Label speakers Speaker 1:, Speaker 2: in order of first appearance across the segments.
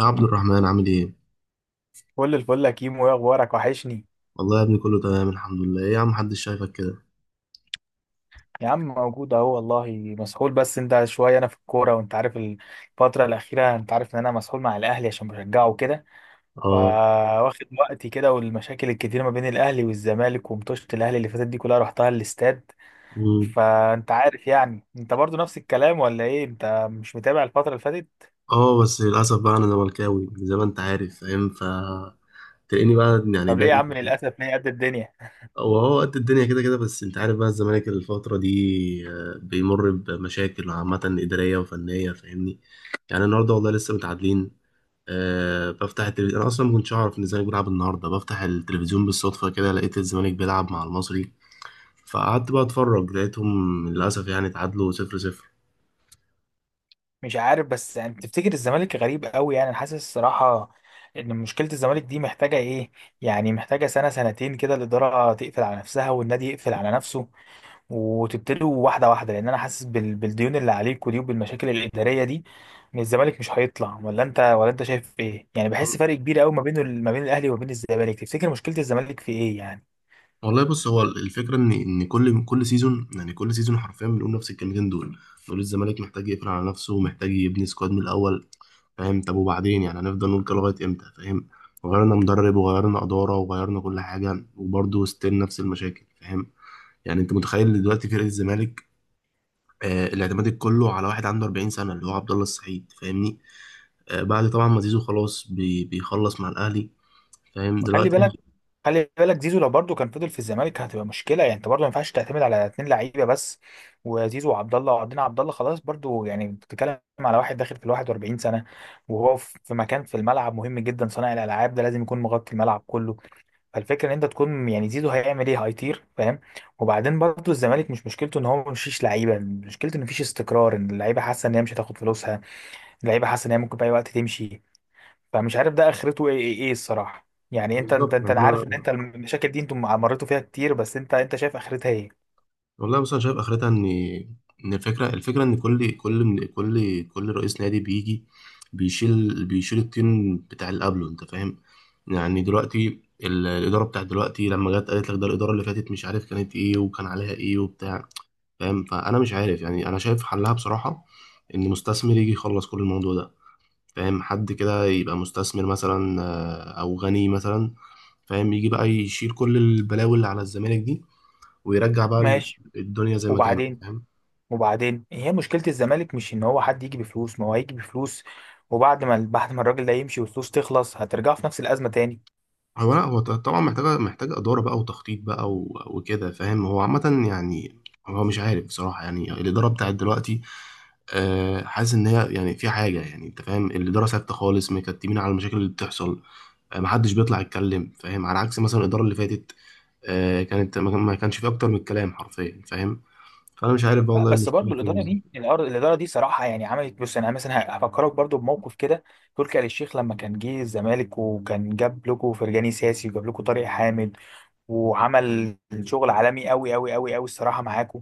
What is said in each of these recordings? Speaker 1: يا عبد الرحمن عامل ايه؟
Speaker 2: كل الفل يا كيمو، ايه اخبارك؟ وحشني.
Speaker 1: والله يا ابني كله تمام الحمد لله، ايه يا عم محدش شايفك كده؟
Speaker 2: يا عم موجود اهو والله. مسحول بس انت شويه، انا في الكوره وانت عارف الفتره الاخيره، انت عارف ان انا مسحول مع الاهلي عشان بشجعه كده.
Speaker 1: اه.
Speaker 2: فواخد وقتي كده، والمشاكل الكتير ما بين الاهلي والزمالك ومطوشه الاهلي اللي فاتت دي كلها رحتها الاستاد.
Speaker 1: مم.
Speaker 2: فانت عارف انت برضو نفس الكلام ولا ايه؟ انت مش متابع الفتره اللي فاتت؟
Speaker 1: اه بس للأسف بقى أنا زملكاوي زي ما أنت عارف فاهم. تلاقيني بقى يعني
Speaker 2: طب ليه يا
Speaker 1: دايما.
Speaker 2: عم؟ للاسف ليه قد الدنيا؟
Speaker 1: هو قد الدنيا كده كده، بس أنت عارف بقى الزمالك الفترة دي بيمر بمشاكل عامة إدارية وفنية، فاهمني؟ يعني النهاردة والله لسه متعادلين. بفتح التلفزيون أنا أصلا ما كنتش أعرف إن الزمالك بيلعب النهاردة، بفتح التلفزيون بالصدفة كده لقيت الزمالك بيلعب مع المصري. فقعدت بقى اتفرج لقيتهم للاسف يعني اتعادلوا صفر صفر.
Speaker 2: مش عارف، بس بتفتكر الزمالك غريب قوي؟ يعني انا حاسس الصراحه ان مشكله الزمالك دي محتاجه ايه؟ يعني محتاجه سنه سنتين كده الاداره تقفل على نفسها والنادي يقفل على نفسه، وتبتدوا واحده واحده، لان انا حاسس بالديون اللي عليكوا دي وبالمشاكل الاداريه دي ان الزمالك مش هيطلع. ولا انت؟ ولا انت شايف ايه؟ يعني بحس فرق كبير قوي ما بين ما بين الاهلي وما بين الزمالك. تفتكر مشكله الزمالك في ايه يعني؟
Speaker 1: والله بص هو الفكره ان كل سيزون، يعني كل سيزون حرفيا بنقول نفس الكلمتين دول. بنقول الزمالك محتاج يقفل على نفسه، محتاج يبني سكواد من الاول، فاهم؟ طب وبعدين يعني هنفضل نقول كده لغايه امتى، فاهم؟ غيرنا مدرب وغيرنا اداره وغيرنا كل حاجه وبرضه ستيل نفس المشاكل، فاهم؟ يعني انت متخيل دلوقتي فرقه الزمالك؟ الاعتماد كله على واحد عنده 40 سنه اللي هو عبد الله السعيد، فاهمني؟ بعد طبعا ما زيزو خلاص بيخلص مع الاهلي، فاهم
Speaker 2: خلي
Speaker 1: دلوقتي؟
Speaker 2: بالك، خلي بالك، زيزو لو برضه كان فضل في الزمالك هتبقى مشكله، يعني انت برضه ما ينفعش تعتمد على اتنين لعيبه بس، وزيزو وعبد الله، وعبدين عبد الله خلاص برضه، يعني بتتكلم على واحد داخل في ال 41 سنه. وهو في مكان في الملعب مهم جدا، صانع الالعاب ده لازم يكون مغطي الملعب كله. فالفكره ان انت تكون، يعني زيزو هيعمل ايه؟ هيطير، فاهم؟ وبعدين برضه الزمالك مش مشكلته ان هو مفيش لعيبه، مشكلته ان مفيش استقرار، ان اللعيبه حاسه ان هي مش هتاخد فلوسها، اللعيبه حاسه ان هي ممكن في اي وقت تمشي. فمش عارف ده اخرته ايه، ايه ايه الصراحه، يعني
Speaker 1: بالظبط
Speaker 2: انت
Speaker 1: يعني
Speaker 2: أنا عارف ان
Speaker 1: انا،
Speaker 2: انت المشاكل دي انتم مريتوا فيها كتير، بس انت شايف اخرتها ايه؟
Speaker 1: والله بص انا شايف اخرتها ان، ان الفكره ان كل رئيس نادي بيجي بيشيل التيم بتاع اللي قبله انت فاهم. يعني دلوقتي الاداره بتاعت دلوقتي لما جت قالت لك ده الاداره اللي فاتت مش عارف كانت ايه وكان عليها ايه وبتاع، فاهم؟ فانا مش عارف، يعني انا شايف حلها بصراحه ان مستثمر يجي يخلص كل الموضوع ده، فاهم؟ حد كده يبقى مستثمر مثلا او غني مثلا، فاهم؟ يجي بقى يشيل كل البلاوي اللي على الزمالك دي ويرجع بقى
Speaker 2: ماشي.
Speaker 1: الدنيا زي ما كانت،
Speaker 2: وبعدين،
Speaker 1: فاهم؟
Speaker 2: هي مشكله الزمالك مش ان هو حد يجي بفلوس، ما هو هيجي بفلوس، وبعد ما بعد ما الراجل ده يمشي والفلوس تخلص هترجعوا في نفس الازمه تاني.
Speaker 1: هو لا هو طبعا محتاجة محتاجة إدارة بقى وتخطيط بقى وكده، فاهم؟ هو عامة يعني هو مش عارف بصراحة، يعني الإدارة بتاعت دلوقتي حاسس إن هي يعني في حاجة، يعني أنت فاهم الإدارة ساكتة خالص مكتمين على المشاكل اللي بتحصل. محدش بيطلع يتكلم، فاهم، على عكس مثلا الإدارة اللي فاتت. كانت ما كانش فيه أكتر من الكلام حرفيا، فاهم؟ فأنا مش عارف بقى
Speaker 2: لا
Speaker 1: والله
Speaker 2: بس برضو
Speaker 1: المشكلة
Speaker 2: الاداره دي
Speaker 1: فين.
Speaker 2: الاداره دي صراحه يعني عملت، بص انا مثلا هفكرك برضو بموقف كده، تركي آل الشيخ لما كان جه الزمالك وكان جاب لكم فرجاني ساسي وجاب لكم طارق حامد، وعمل شغل عالمي قوي قوي قوي قوي الصراحه معاكم.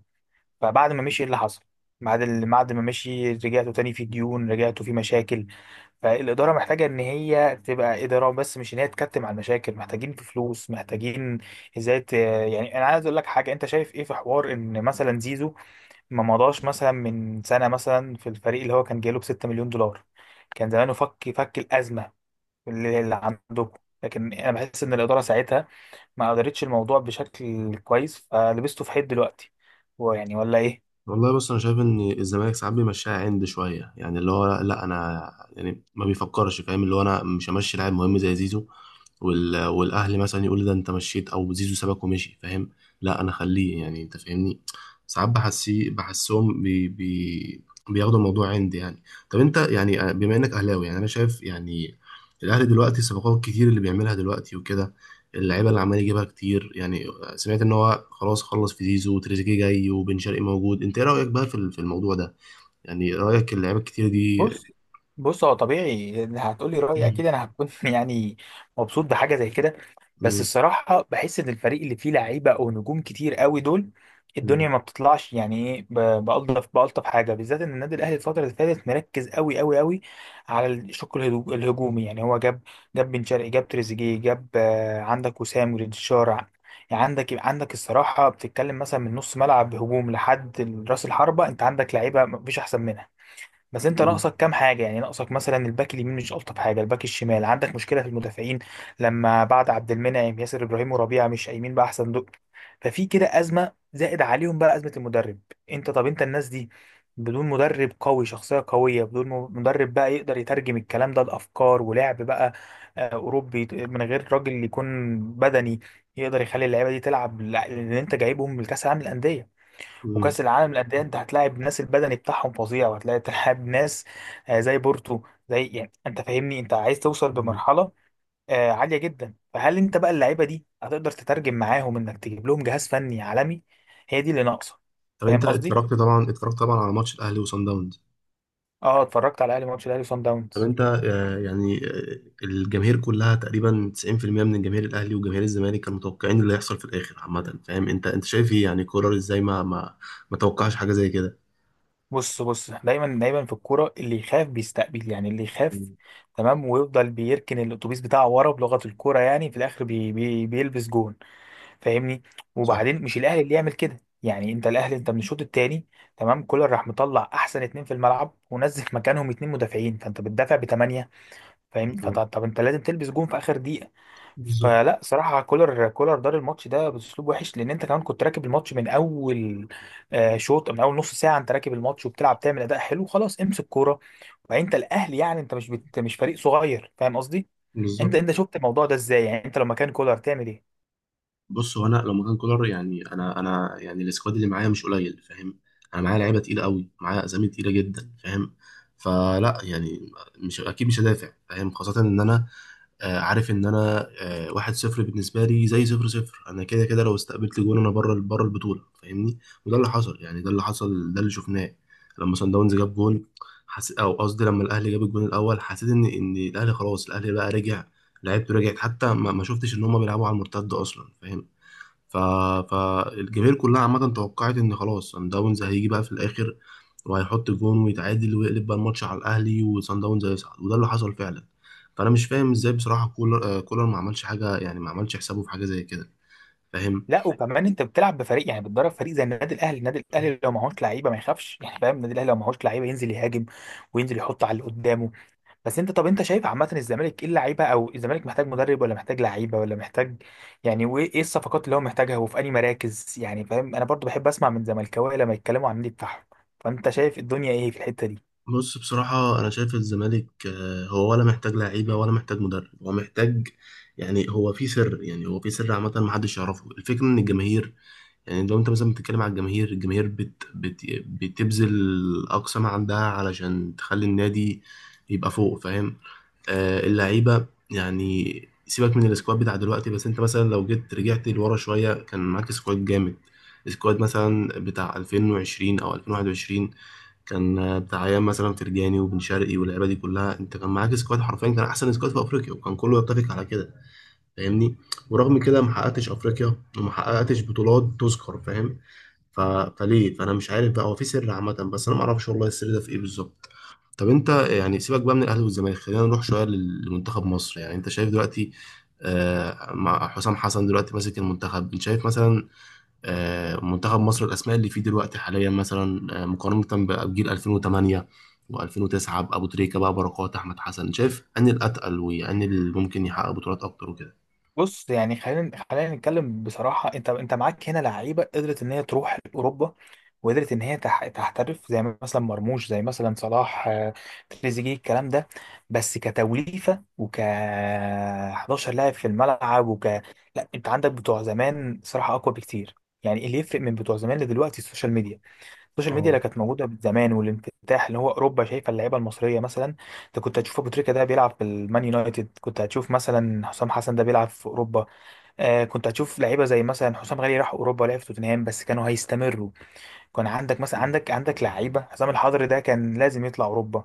Speaker 2: فبعد ما مشي ايه اللي حصل؟ بعد ما مشي رجعتوا تاني في ديون، رجعتوا في مشاكل. فالاداره محتاجه ان هي تبقى اداره، بس مش ان هي تكتم على المشاكل. محتاجين في فلوس، محتاجين يعني انا عايز اقول لك حاجه، انت شايف ايه في حوار ان مثلا زيزو ما مضاش مثلا من سنه مثلا في الفريق اللي هو كان جايله ب 6 مليون دولار، كان زمانه فك الازمه اللي عندكم. لكن انا بحس ان الاداره ساعتها ما قدرتش الموضوع بشكل كويس فلبسته في حيط دلوقتي، هو يعني ولا ايه؟
Speaker 1: والله بص انا شايف ان الزمالك ساعات بيمشيها عند شويه، يعني اللي هو لا انا يعني ما بيفكرش، فاهم، اللي هو انا مش همشي لاعب مهم زي زيزو والاهلي مثلا يقول لي ده انت مشيت او زيزو سابك ومشي، فاهم؟ لا انا خليه، يعني انت فاهمني. ساعات بحسهم بياخدوا الموضوع عندي يعني. طب انت يعني بما انك اهلاوي، يعني انا شايف يعني الاهلي دلوقتي الصفقات الكتير اللي بيعملها دلوقتي وكده، اللعيبه اللي عمال يجيبها كتير يعني. سمعت ان هو خلاص خلص في زيزو وتريزيجيه جاي وبن شرقي موجود، انت ايه رايك بقى في في الموضوع ده؟ يعني رايك اللعيبه الكتير دي؟
Speaker 2: بص، هو طبيعي إن هتقولي رأيي، اكيد انا هكون يعني مبسوط بحاجه زي كده. بس
Speaker 1: مم.
Speaker 2: الصراحه بحس ان الفريق اللي فيه لعيبه او نجوم كتير قوي دول الدنيا
Speaker 1: مم.
Speaker 2: ما بتطلعش، يعني ايه بألطف بألطف حاجه، بالذات ان النادي الاهلي الفتره اللي فاتت مركز قوي قوي قوي على الشق الهجومي، يعني هو جاب بن شرقي، جاب تريزيجيه، جاب آه، عندك وسام وريد الشارع. يعني عندك الصراحه، بتتكلم مثلا من نص ملعب هجوم لحد راس الحربه، انت عندك لعيبه مفيش احسن منها. بس انت
Speaker 1: مم.
Speaker 2: ناقصك كام حاجه، يعني ناقصك مثلا الباك اليمين مش الطف حاجه، الباك الشمال، عندك مشكله في المدافعين لما بعد عبد المنعم، ياسر ابراهيم وربيعه مش قايمين باحسن دول. ففي كده ازمه، زائد عليهم بقى ازمه المدرب. انت طب انت الناس دي بدون مدرب قوي شخصيه قويه، بدون مدرب بقى يقدر يترجم الكلام ده لافكار ولعب بقى، آه، اوروبي من غير راجل يكون بدني، يقدر يخلي اللعيبه دي تلعب اللي انت جايبهم من كاس العالم للانديه.
Speaker 1: مم.
Speaker 2: وكأس العالم للأندية أنت هتلاعب ناس البدني بتاعهم فظيع، وهتلاقي تلعب ناس آه، زي بورتو، زي يعني أنت فاهمني، أنت عايز توصل
Speaker 1: مم.
Speaker 2: بمرحلة آه، عالية جدا، فهل أنت بقى اللعيبة دي هتقدر تترجم معاهم إنك تجيب لهم جهاز فني عالمي؟ هي دي اللي ناقصة.
Speaker 1: طب انت
Speaker 2: فاهم قصدي؟
Speaker 1: اتفرجت طبعا، اتفرجت طبعا على ماتش الاهلي وصن داونز.
Speaker 2: أه اتفرجت على الأهلي، ماتش الأهلي وصن
Speaker 1: طب
Speaker 2: داونز.
Speaker 1: انت الجماهير كلها تقريبا 90% من الجماهير الاهلي وجماهير الزمالك كانوا متوقعين اللي هيحصل في الاخر عامه، فاهم؟ انت انت شايف ايه يعني؟ كولر ازاي ما توقعش حاجه زي كده؟
Speaker 2: بص، دايما، في الكورة اللي يخاف بيستقبل، يعني اللي يخاف
Speaker 1: مم.
Speaker 2: تمام ويفضل بيركن الأتوبيس بتاعه ورا، بلغة الكورة يعني في الآخر بي بي بيلبس جون، فاهمني؟
Speaker 1: صح.
Speaker 2: وبعدين مش الاهلي اللي يعمل كده، يعني انت الاهلي انت من الشوط الثاني تمام، كولر راح مطلع احسن اتنين في الملعب ونزل مكانهم اتنين مدافعين، فانت بتدافع بثمانية، فاهمني؟
Speaker 1: مم.
Speaker 2: طب انت لازم تلبس جون في اخر دقيقة؟
Speaker 1: بالظبط.
Speaker 2: فلا صراحة كولر دار الماتش ده باسلوب وحش، لان انت كمان كنت راكب الماتش من اول آه، شوط، من اول نص ساعة انت راكب الماتش وبتلعب تعمل اداء حلو، خلاص امسك كورة. وبعدين انت الاهلي، يعني انت مش فريق صغير، فاهم قصدي؟ انت،
Speaker 1: بالظبط.
Speaker 2: شفت الموضوع ده ازاي؟ يعني انت لو مكان كولر تعمل ايه؟
Speaker 1: بص هو انا لو مكان كولر، يعني انا يعني السكواد اللي معايا مش قليل، فاهم؟ انا معايا لعيبه تقيله قوي، معايا اسامي تقيله جدا، فاهم؟ فلا يعني مش اكيد مش هدافع، فاهم؟ خاصه ان انا عارف ان انا واحد صفر بالنسبه لي زي صفر صفر، انا كده كده لو استقبلت جون انا بره بره البطوله، فاهمني؟ وده اللي حصل، يعني ده اللي حصل، ده اللي شفناه لما صن داونز جاب جون. او قصدي لما الاهلي جاب الجون الاول حسيت ان الاهلي خلاص، الاهلي بقى رجع، لعيبته رجعت، حتى ما شفتش ان هم بيلعبوا على المرتد اصلا، فاهم؟ ف... فالجماهير كلها عامة توقعت إن خلاص سان داونز هيجي بقى في الآخر وهيحط جون ويتعادل ويقلب بقى الماتش على الأهلي، وسان داونز هيصعد، وده اللي حصل فعلا. فأنا مش فاهم إزاي بصراحة كولر كولر ما عملش حاجة، يعني ما عملش حسابه في حاجة زي كده، فاهم؟
Speaker 2: لا وكمان انت بتلعب بفريق، يعني بتدرب فريق زي النادي الاهلي، النادي الاهلي لو معهوش لعيبه ما يخافش، يعني فاهم، النادي الاهلي لو معهوش لعيبه ينزل يهاجم وينزل يحط على اللي قدامه. بس انت طب انت شايف عامه الزمالك ايه؟ اللعيبه، او الزمالك محتاج مدرب ولا محتاج لعيبه ولا محتاج، يعني وايه ايه الصفقات اللي هو محتاجها وفي انهي مراكز؟ يعني فاهم انا برضو بحب اسمع من زملكاويه لما يتكلموا عن النادي بتاعهم. فانت شايف الدنيا ايه في الحته دي؟
Speaker 1: بص بصراحة أنا شايف الزمالك هو ولا محتاج لعيبة ولا محتاج مدرب، هو محتاج، يعني هو في سر، يعني هو في سر عامة محدش يعرفه. الفكرة إن الجماهير، يعني لو انت مثلا بتتكلم على الجماهير، الجماهير بت بت بتبذل اقصى ما عندها علشان تخلي النادي يبقى فوق، فاهم؟ آه اللعيبه يعني سيبك من السكواد بتاع دلوقتي، بس انت مثلا لو جيت رجعت لورا شويه كان معاك سكواد جامد. السكواد مثلا بتاع 2020 او 2021، كان بتاع ايام مثلا فرجاني وبن شرقي واللعيبه دي كلها، انت كان معاك سكواد حرفيا كان احسن سكواد في افريقيا وكان كله يتفق على كده، فاهمني؟ ورغم كده ما حققتش افريقيا وما حققتش بطولات تذكر، فاهم؟ ف... فليه؟ فانا مش عارف بقى، هو في سر عامه بس انا ما اعرفش والله السر ده في ايه بالظبط. طب انت يعني سيبك بقى من الاهلي والزمالك، خلينا نروح شويه لمنتخب مصر، يعني انت شايف دلوقتي مع حسام حسن دلوقتي ماسك المنتخب، انت شايف مثلا منتخب مصر الاسماء اللي فيه دلوقتي حاليا مثلا مقارنه بجيل 2008 و2009 ابو تريكه بقى بركات احمد حسن، شايف ان الاتقل وان اللي ممكن يحقق بطولات اكتر وكده؟
Speaker 2: بص يعني، خلينا نتكلم بصراحه، انت معاك هنا لعيبه قدرت ان هي تروح اوروبا، وقدرت ان هي تحترف زي مثلا مرموش، زي مثلا صلاح، آه، تريزيجيه الكلام ده. بس كتوليفه وك 11 لاعب في الملعب وك، لا انت عندك بتوع زمان صراحه اقوى بكتير. يعني اللي يفرق من بتوع زمان لدلوقتي السوشيال ميديا، السوشيال ميديا اللي
Speaker 1: اه.
Speaker 2: كانت موجوده من زمان والانفتاح اللي هو اوروبا شايفه اللعيبه المصريه مثلا. انت كنت هتشوف ابو تريكه ده بيلعب في المان يونايتد، كنت هتشوف مثلا حسام حسن ده بيلعب في اوروبا، آه كنت هتشوف لعيبه زي مثلا حسام غالي راح اوروبا ولعب في توتنهام، بس كانوا هيستمروا. كان عندك مثلا،
Speaker 1: مم.
Speaker 2: عندك لعيبه حسام الحضري ده كان لازم يطلع اوروبا،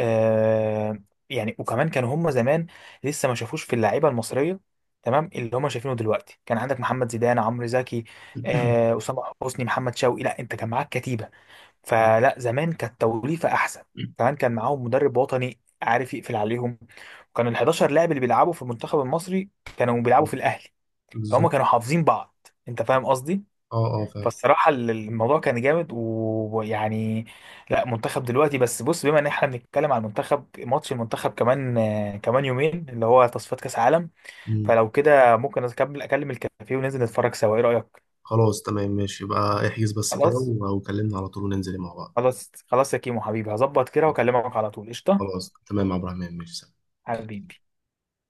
Speaker 2: آه، يعني. وكمان كانوا هم زمان لسه ما شافوش في اللعيبه المصريه تمام، اللي هم شايفينه دلوقتي، كان عندك محمد زيدان، عمرو زكي، آه اسامه حسني، محمد شوقي، لا انت كان معاك كتيبه. فلا زمان كانت توليفه احسن،
Speaker 1: مم.
Speaker 2: كمان كان معاهم مدرب وطني عارف يقفل عليهم، وكانوا ال 11 لاعب اللي بيلعبوا في المنتخب المصري كانوا بيلعبوا في الاهلي، فهم
Speaker 1: بالظبط.
Speaker 2: كانوا حافظين بعض، انت فاهم قصدي؟
Speaker 1: اه اه فاهم.
Speaker 2: فالصراحه الموضوع كان جامد ويعني. لا منتخب دلوقتي، بس بص بما ان احنا بنتكلم على المنتخب، ماتش المنتخب كمان آه، كمان يومين، اللي هو تصفيات كاس عالم.
Speaker 1: مم.
Speaker 2: فلو كده ممكن اكمل اكلم الكافيه وننزل نتفرج سوا، ايه رايك؟
Speaker 1: خلاص تمام ماشي، يبقى احجز بس كده
Speaker 2: خلاص،
Speaker 1: وكلمنا على طول وننزل مع بعض.
Speaker 2: خلاص يا كيمو حبيبي، هظبط كده واكلمك على طول، قشطه
Speaker 1: خلاص تمام يا عبد الرحمن، ماشي، سلام.
Speaker 2: حبيبي.